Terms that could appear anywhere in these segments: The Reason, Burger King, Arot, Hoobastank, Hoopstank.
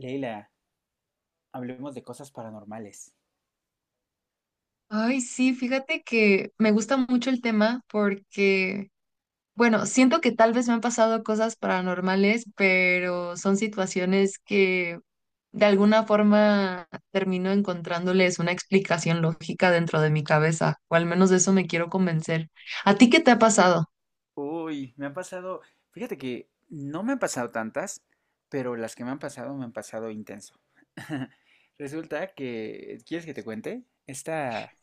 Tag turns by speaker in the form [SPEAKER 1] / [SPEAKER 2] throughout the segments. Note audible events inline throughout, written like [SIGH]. [SPEAKER 1] Leila, hablemos de cosas paranormales.
[SPEAKER 2] Ay, sí, fíjate que me gusta mucho el tema porque, bueno, siento que tal vez me han pasado cosas paranormales, pero son situaciones que de alguna forma termino encontrándoles una explicación lógica dentro de mi cabeza, o al menos de eso me quiero convencer. ¿A ti qué te ha pasado?
[SPEAKER 1] Uy, me han pasado, fíjate que no me han pasado tantas, pero las que me han pasado intenso. [LAUGHS] Resulta que, ¿quieres que te cuente? Esta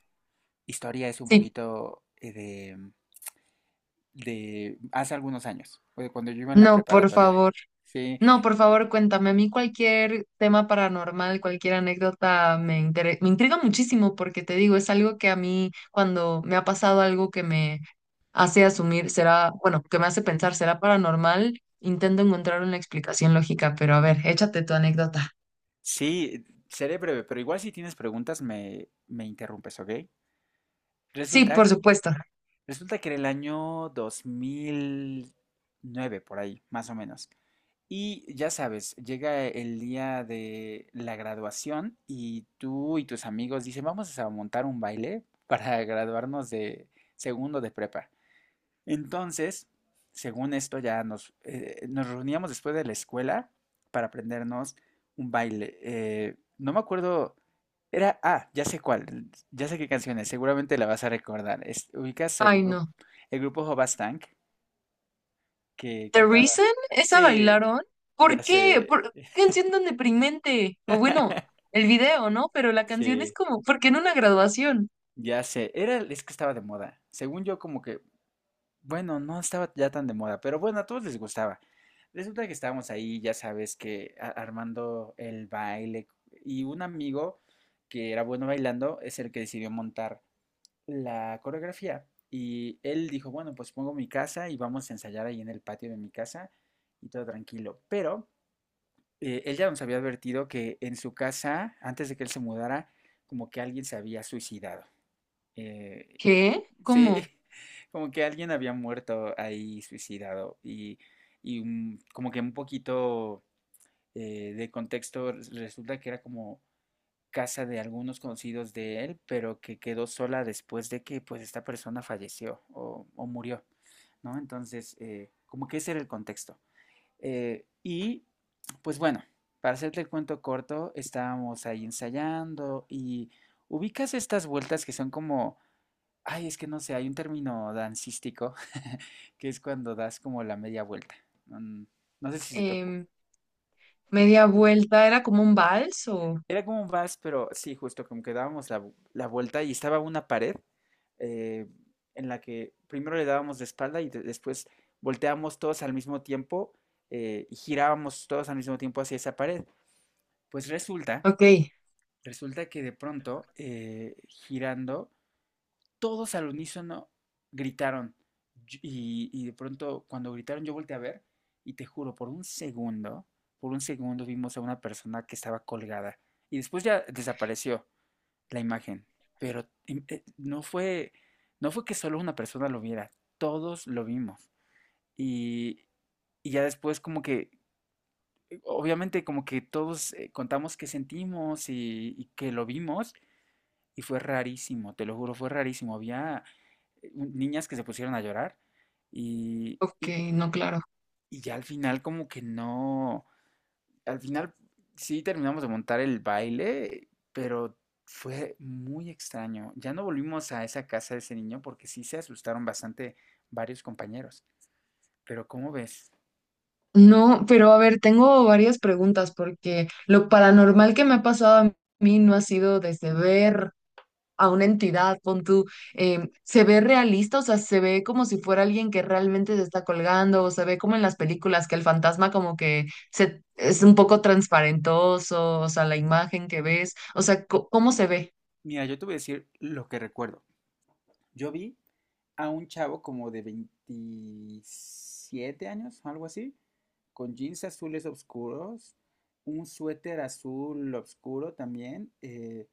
[SPEAKER 1] historia es un
[SPEAKER 2] Sí,
[SPEAKER 1] poquito de hace algunos años, o de cuando yo iba en la
[SPEAKER 2] no, por
[SPEAKER 1] preparatoria.
[SPEAKER 2] favor.
[SPEAKER 1] Sí,
[SPEAKER 2] No, por favor, cuéntame. A mí cualquier tema paranormal, cualquier anécdota me intriga muchísimo porque te digo, es algo que a mí cuando me ha pasado algo que me hace asumir, será, bueno, que me hace pensar, será paranormal, intento encontrar una explicación lógica, pero a ver, échate tu anécdota.
[SPEAKER 1] sí, seré breve, pero igual si tienes preguntas me interrumpes, ¿ok?
[SPEAKER 2] Sí,
[SPEAKER 1] Resulta
[SPEAKER 2] por supuesto.
[SPEAKER 1] Resulta que era el año 2009 por ahí, más o menos. Y ya sabes, llega el día de la graduación y tú y tus amigos dicen, vamos a montar un baile para graduarnos de segundo de prepa. Entonces, según esto, ya nos reuníamos después de la escuela para aprendernos un baile. No me acuerdo, ya sé cuál, ya sé qué canciones, seguramente la vas a recordar. Ubicas el
[SPEAKER 2] Ay,
[SPEAKER 1] grupo,
[SPEAKER 2] no.
[SPEAKER 1] el grupo Hobastank que
[SPEAKER 2] The
[SPEAKER 1] cantaba.
[SPEAKER 2] Reason, esa
[SPEAKER 1] Sí,
[SPEAKER 2] bailaron.
[SPEAKER 1] ya
[SPEAKER 2] ¿Por qué?
[SPEAKER 1] sé.
[SPEAKER 2] ¿Por qué canción tan deprimente? O bueno,
[SPEAKER 1] [LAUGHS]
[SPEAKER 2] el video, ¿no? Pero la canción es
[SPEAKER 1] Sí,
[SPEAKER 2] como, ¿por qué en una graduación?
[SPEAKER 1] ya sé. Es que estaba de moda. Según yo, como que bueno, no estaba ya tan de moda, pero bueno, a todos les gustaba. Resulta que estábamos ahí, ya sabes, que armando el baile y un amigo que era bueno bailando es el que decidió montar la coreografía y él dijo, bueno, pues pongo mi casa y vamos a ensayar ahí en el patio de mi casa y todo tranquilo. Pero él ya nos había advertido que en su casa, antes de que él se mudara, como que alguien se había suicidado. Y
[SPEAKER 2] ¿Qué?
[SPEAKER 1] sí,
[SPEAKER 2] ¿Cómo?
[SPEAKER 1] [LAUGHS] como que alguien había muerto ahí suicidado y como que un poquito de contexto resulta que era como casa de algunos conocidos de él, pero que quedó sola después de que pues esta persona falleció o murió, ¿no? Entonces, como que ese era el contexto. Y pues bueno, para hacerte el cuento corto, estábamos ahí ensayando y ubicas estas vueltas que son como, ay, es que no sé, hay un término dancístico [LAUGHS] que es cuando das como la media vuelta. Mm, No sé si se tocó.
[SPEAKER 2] em, Media vuelta, ¿era como un vals o...?
[SPEAKER 1] Era como un vals, pero sí, justo como que dábamos la vuelta y estaba una pared eh, en la que primero le dábamos de espalda y después volteábamos todos al mismo tiempo y girábamos todos al mismo tiempo hacia esa pared. Pues resulta,
[SPEAKER 2] Ok,
[SPEAKER 1] resulta que de pronto, girando, todos al unísono gritaron. Y de pronto, cuando gritaron, yo volteé a ver y te juro, por un segundo vimos a una persona que estaba colgada y después ya desapareció la imagen. Pero no fue que solo una persona lo viera, todos lo vimos. Y, y ya después como que, obviamente como que todos contamos qué sentimos y que lo vimos y fue rarísimo, te lo juro, fue rarísimo. Había niñas que se pusieron a llorar y,
[SPEAKER 2] ok,
[SPEAKER 1] y,
[SPEAKER 2] no, claro.
[SPEAKER 1] y ya, al final como que no, al final sí terminamos de montar el baile, pero fue muy extraño. Ya no volvimos a esa casa de ese niño porque sí se asustaron bastante varios compañeros. Pero ¿cómo ves?
[SPEAKER 2] No, pero a ver, tengo varias preguntas porque lo paranormal que me ha pasado a mí no ha sido desde ver a una entidad, pon tú, em, se ve realista, o sea, se ve como si fuera alguien que realmente se está colgando, o se ve como en las películas que el fantasma como que se, es un poco transparentoso, o sea, la imagen que ves, o sea, ¿cómo se ve?
[SPEAKER 1] Mira, yo te voy a decir lo que recuerdo. Yo vi a un chavo como de 27 años, algo así, con jeans azules oscuros, un suéter azul oscuro también,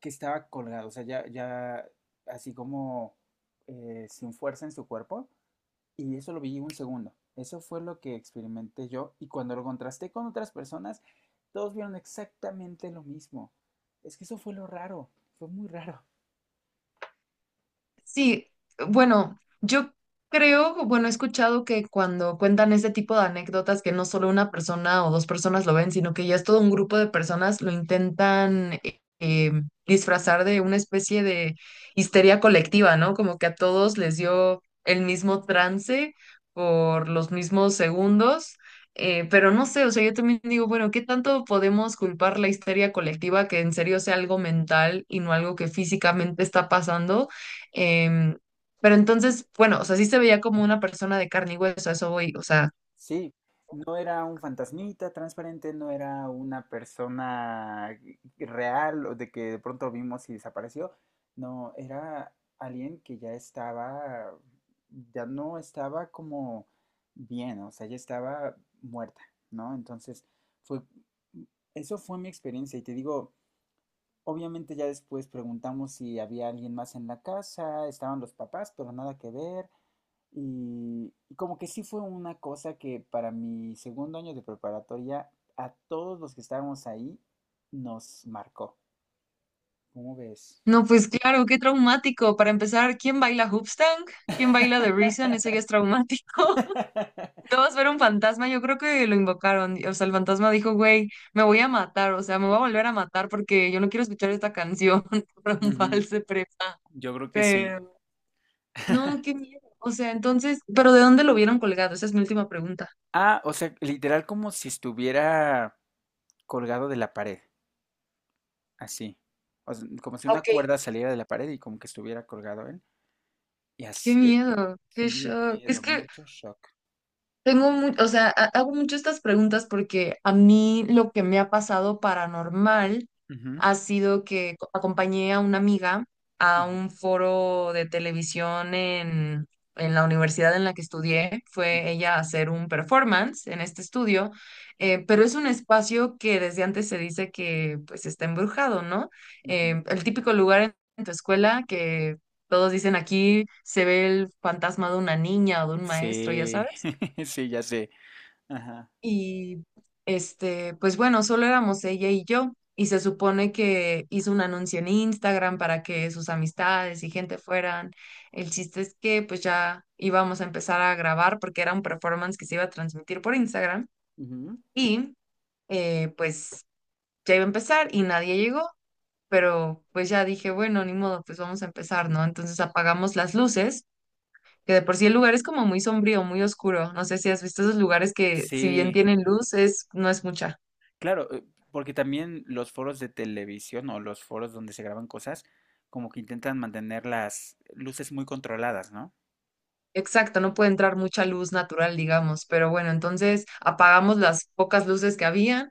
[SPEAKER 1] que estaba colgado, o sea, ya así como sin fuerza en su cuerpo, y eso lo vi un segundo. Eso fue lo que experimenté yo, y cuando lo contrasté con otras personas, todos vieron exactamente lo mismo. Es que eso fue lo raro, fue muy raro.
[SPEAKER 2] Sí, bueno, yo creo, bueno, he escuchado que cuando cuentan este tipo de anécdotas, que no solo una persona o dos personas lo ven, sino que ya es todo un grupo de personas lo intentan disfrazar de una especie de histeria colectiva, ¿no? Como que a todos les dio el mismo trance por los mismos segundos. Pero no sé, o sea, yo también digo, bueno, ¿qué tanto podemos culpar la histeria colectiva que en serio sea algo mental y no algo que físicamente está pasando? Em, pero entonces, bueno, o sea, sí se veía como una persona de carne y hueso, a eso voy, o sea,
[SPEAKER 1] Sí, no era un fantasmita transparente, no era una persona real o de que de pronto vimos y desapareció. No, era alguien que ya no estaba como bien, o sea, ya estaba muerta, ¿no? Entonces, fue, mm, eso fue mi experiencia y te digo, obviamente ya después preguntamos si había alguien más en la casa, estaban los papás, pero nada que ver. Y como que sí fue una cosa que para mi segundo año de preparatoria, a todos los que estábamos ahí, nos marcó. ¿Cómo ves?
[SPEAKER 2] no, pues claro, qué traumático. Para empezar, ¿quién baila Hoopstank? ¿Quién baila The Reason? Eso ya es traumático. [LAUGHS]
[SPEAKER 1] [LAUGHS]
[SPEAKER 2] Dos, ver un fantasma, yo creo que lo invocaron, o sea, el fantasma dijo, güey, me voy a matar, o sea, me voy a volver a matar porque yo no quiero escuchar esta canción [LAUGHS] por un
[SPEAKER 1] Ujú,
[SPEAKER 2] vals de prepa.
[SPEAKER 1] yo creo que sí.
[SPEAKER 2] Pero, no, qué miedo. O sea, entonces, ¿pero de dónde lo vieron colgado? Esa es mi última pregunta.
[SPEAKER 1] Ah, o sea, literal como si estuviera colgado de la pared, así. O sea, como si una
[SPEAKER 2] Ok,
[SPEAKER 1] cuerda saliera de la pared y como que estuviera colgado él. Y
[SPEAKER 2] qué
[SPEAKER 1] así,
[SPEAKER 2] miedo, qué
[SPEAKER 1] sí, de
[SPEAKER 2] shock. Es
[SPEAKER 1] miedo,
[SPEAKER 2] que
[SPEAKER 1] mucho shock.
[SPEAKER 2] tengo o sea, hago mucho estas preguntas porque a mí lo que me ha pasado paranormal
[SPEAKER 1] Ujú,
[SPEAKER 2] ha sido que acompañé a una amiga a
[SPEAKER 1] ujú,
[SPEAKER 2] un foro de televisión en la universidad en la que estudié.
[SPEAKER 1] ujú,
[SPEAKER 2] Fue ella a hacer un performance en este estudio, pero es un espacio que desde antes se dice que pues está embrujado, ¿no?
[SPEAKER 1] ujú.
[SPEAKER 2] El típico lugar en tu escuela que todos dicen aquí se ve el fantasma de una niña o de un maestro, ya
[SPEAKER 1] Sí,
[SPEAKER 2] sabes.
[SPEAKER 1] [LAUGHS] sí, ya sé. Ajá.
[SPEAKER 2] Y este, pues bueno, solo éramos ella y yo. Y se supone que hizo un anuncio en Instagram para que sus amistades y gente fueran. El chiste es que pues ya íbamos a empezar a grabar porque era un performance que se iba a transmitir por Instagram.
[SPEAKER 1] Ujú.
[SPEAKER 2] Y pues ya iba a empezar y nadie llegó. Pero pues ya dije, bueno, ni modo, pues vamos a empezar, ¿no? Entonces apagamos las luces, que de por sí el lugar es como muy sombrío, muy oscuro. No sé si has visto esos lugares que si bien
[SPEAKER 1] Sí,
[SPEAKER 2] tienen luz, es, no es mucha.
[SPEAKER 1] claro, porque también los foros de televisión o los foros donde se graban cosas, como que intentan mantener las luces muy controladas, ¿no?
[SPEAKER 2] Exacto, no puede entrar mucha luz natural, digamos, pero bueno, entonces apagamos las pocas luces que habían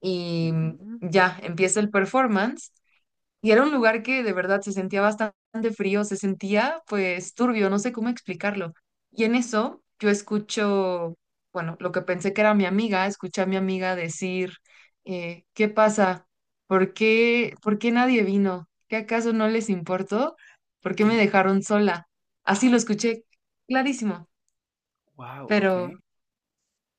[SPEAKER 2] y
[SPEAKER 1] Ujú.
[SPEAKER 2] ya empieza el performance. Y era un lugar que de verdad se sentía bastante frío, se sentía pues turbio, no sé cómo explicarlo. Y en eso yo escucho, bueno, lo que pensé que era mi amiga, escuché a mi amiga decir, ¿qué pasa? ¿Por qué nadie vino? ¿Qué acaso no les importó? ¿Por qué me
[SPEAKER 1] ¿Qué?
[SPEAKER 2] dejaron sola? Así lo
[SPEAKER 1] Ay,
[SPEAKER 2] escuché clarísimo.
[SPEAKER 1] wow, ok.
[SPEAKER 2] Pero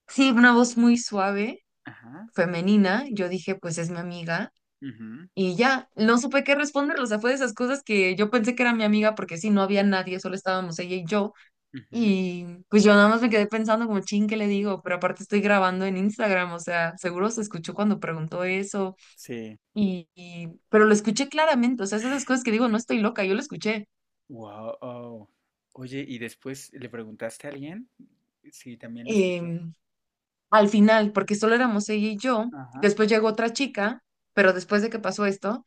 [SPEAKER 2] sí, una voz muy suave,
[SPEAKER 1] Ajá.
[SPEAKER 2] femenina. Yo dije, pues es mi amiga.
[SPEAKER 1] Ujú,
[SPEAKER 2] Y ya, no supe qué responder. O sea, fue de esas cosas que yo pensé que era mi amiga porque sí, no había nadie, solo estábamos ella y yo.
[SPEAKER 1] ujú.
[SPEAKER 2] Y pues yo nada más me quedé pensando como, chin, ¿qué le digo? Pero aparte estoy grabando en Instagram, o sea, seguro se escuchó cuando preguntó eso.
[SPEAKER 1] Sí.
[SPEAKER 2] Pero lo escuché claramente. O sea, es de esas cosas que digo, no estoy loca, yo lo escuché.
[SPEAKER 1] Wow. Oye, ¿y después le preguntaste a alguien si también lo escuchó?
[SPEAKER 2] Em, al final, porque solo éramos ella y yo.
[SPEAKER 1] Ajá.
[SPEAKER 2] Después llegó otra chica, pero después de que pasó esto.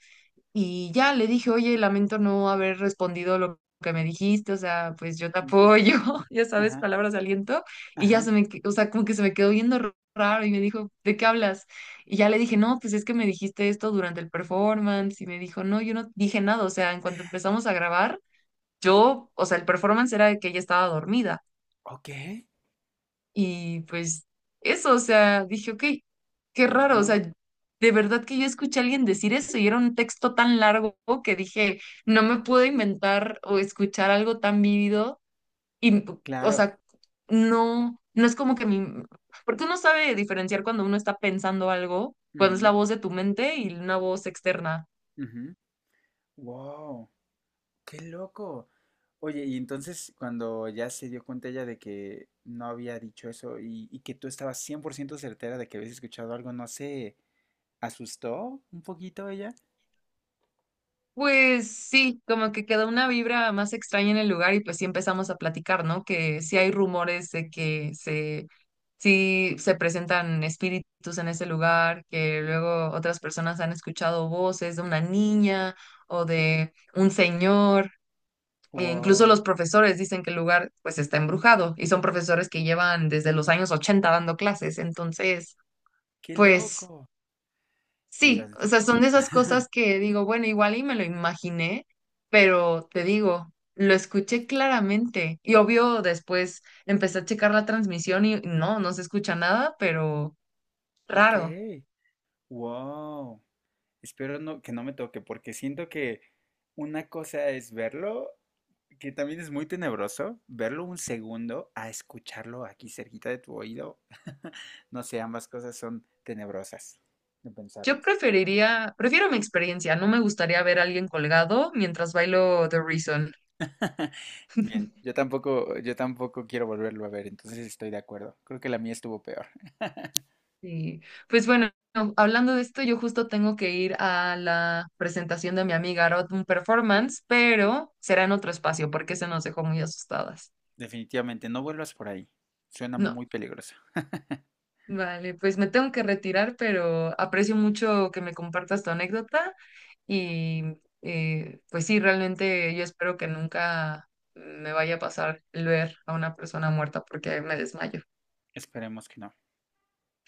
[SPEAKER 2] Y ya le dije, oye, lamento no haber respondido lo que me dijiste, o sea, pues yo te
[SPEAKER 1] Ujú.
[SPEAKER 2] apoyo, [LAUGHS] ya sabes,
[SPEAKER 1] Ajá.
[SPEAKER 2] palabras de aliento. Y ya
[SPEAKER 1] Ajá.
[SPEAKER 2] se me, que- o sea, como que se me quedó viendo raro y me dijo, ¿de qué hablas? Y ya le dije, no, pues es que me dijiste esto durante el performance. Y me dijo, no, yo no dije nada, o sea, en cuanto empezamos a grabar, yo, o sea, el performance era de que ella estaba dormida.
[SPEAKER 1] Ok.
[SPEAKER 2] Y pues eso, o sea, dije, ok, qué raro, o sea,
[SPEAKER 1] No,
[SPEAKER 2] de verdad que yo escuché a alguien decir eso y era un texto tan largo que dije, no me puedo inventar o escuchar algo tan vívido y, o
[SPEAKER 1] claro.
[SPEAKER 2] sea, no, no es como que mi, porque uno sabe diferenciar cuando uno está pensando algo, cuando es
[SPEAKER 1] Ujú,
[SPEAKER 2] la voz de tu mente y una voz externa.
[SPEAKER 1] ujú. Wow. ¡Qué loco! Oye, y entonces cuando ya se dio cuenta ella de que no había dicho eso y que tú estabas 100% certera de que habías escuchado algo, ¿no se asustó un poquito ella?
[SPEAKER 2] Pues sí, como que quedó una vibra más extraña en el lugar y pues sí empezamos a platicar, ¿no? Que sí hay rumores de que se Si se presentan espíritus en ese lugar, que luego otras personas han escuchado voces de una niña o de un señor. E incluso
[SPEAKER 1] ¡Wow!
[SPEAKER 2] los profesores dicen que el lugar pues está embrujado y son profesores que llevan desde los años 80 dando clases. Entonces,
[SPEAKER 1] ¡Qué
[SPEAKER 2] pues
[SPEAKER 1] loco!
[SPEAKER 2] sí, o
[SPEAKER 1] Dios,
[SPEAKER 2] sea, son de esas cosas que digo, bueno, igual y me lo imaginé, pero te digo, lo escuché claramente y obvio después empecé a checar la transmisión y no, no se escucha nada, pero...
[SPEAKER 1] ok,
[SPEAKER 2] Raro.
[SPEAKER 1] wow. Espero no, que no me toque, porque siento que una cosa es verlo, que también es muy tenebroso, verlo un segundo a escucharlo aquí cerquita de tu oído. [LAUGHS] No sé, ambas cosas son tenebrosas de
[SPEAKER 2] Yo
[SPEAKER 1] pensarlas.
[SPEAKER 2] preferiría, prefiero mi experiencia. No me gustaría ver a alguien colgado mientras bailo The Reason.
[SPEAKER 1] [LAUGHS] Bien, yo tampoco quiero volverlo a ver, entonces estoy de acuerdo. Creo que la mía estuvo peor.
[SPEAKER 2] Y pues bueno, no, hablando de esto, yo justo tengo que ir a la presentación de mi amiga Arot, un performance, pero será en otro espacio porque se nos dejó muy asustadas.
[SPEAKER 1] Definitivamente, no vuelvas por ahí. Suena
[SPEAKER 2] No,
[SPEAKER 1] muy peligroso. [LAUGHS]
[SPEAKER 2] vale, pues me tengo que retirar, pero aprecio mucho que me compartas tu anécdota. Y pues sí, realmente yo espero que nunca me vaya a pasar el ver a una persona muerta porque me desmayo.
[SPEAKER 1] Esperemos que no.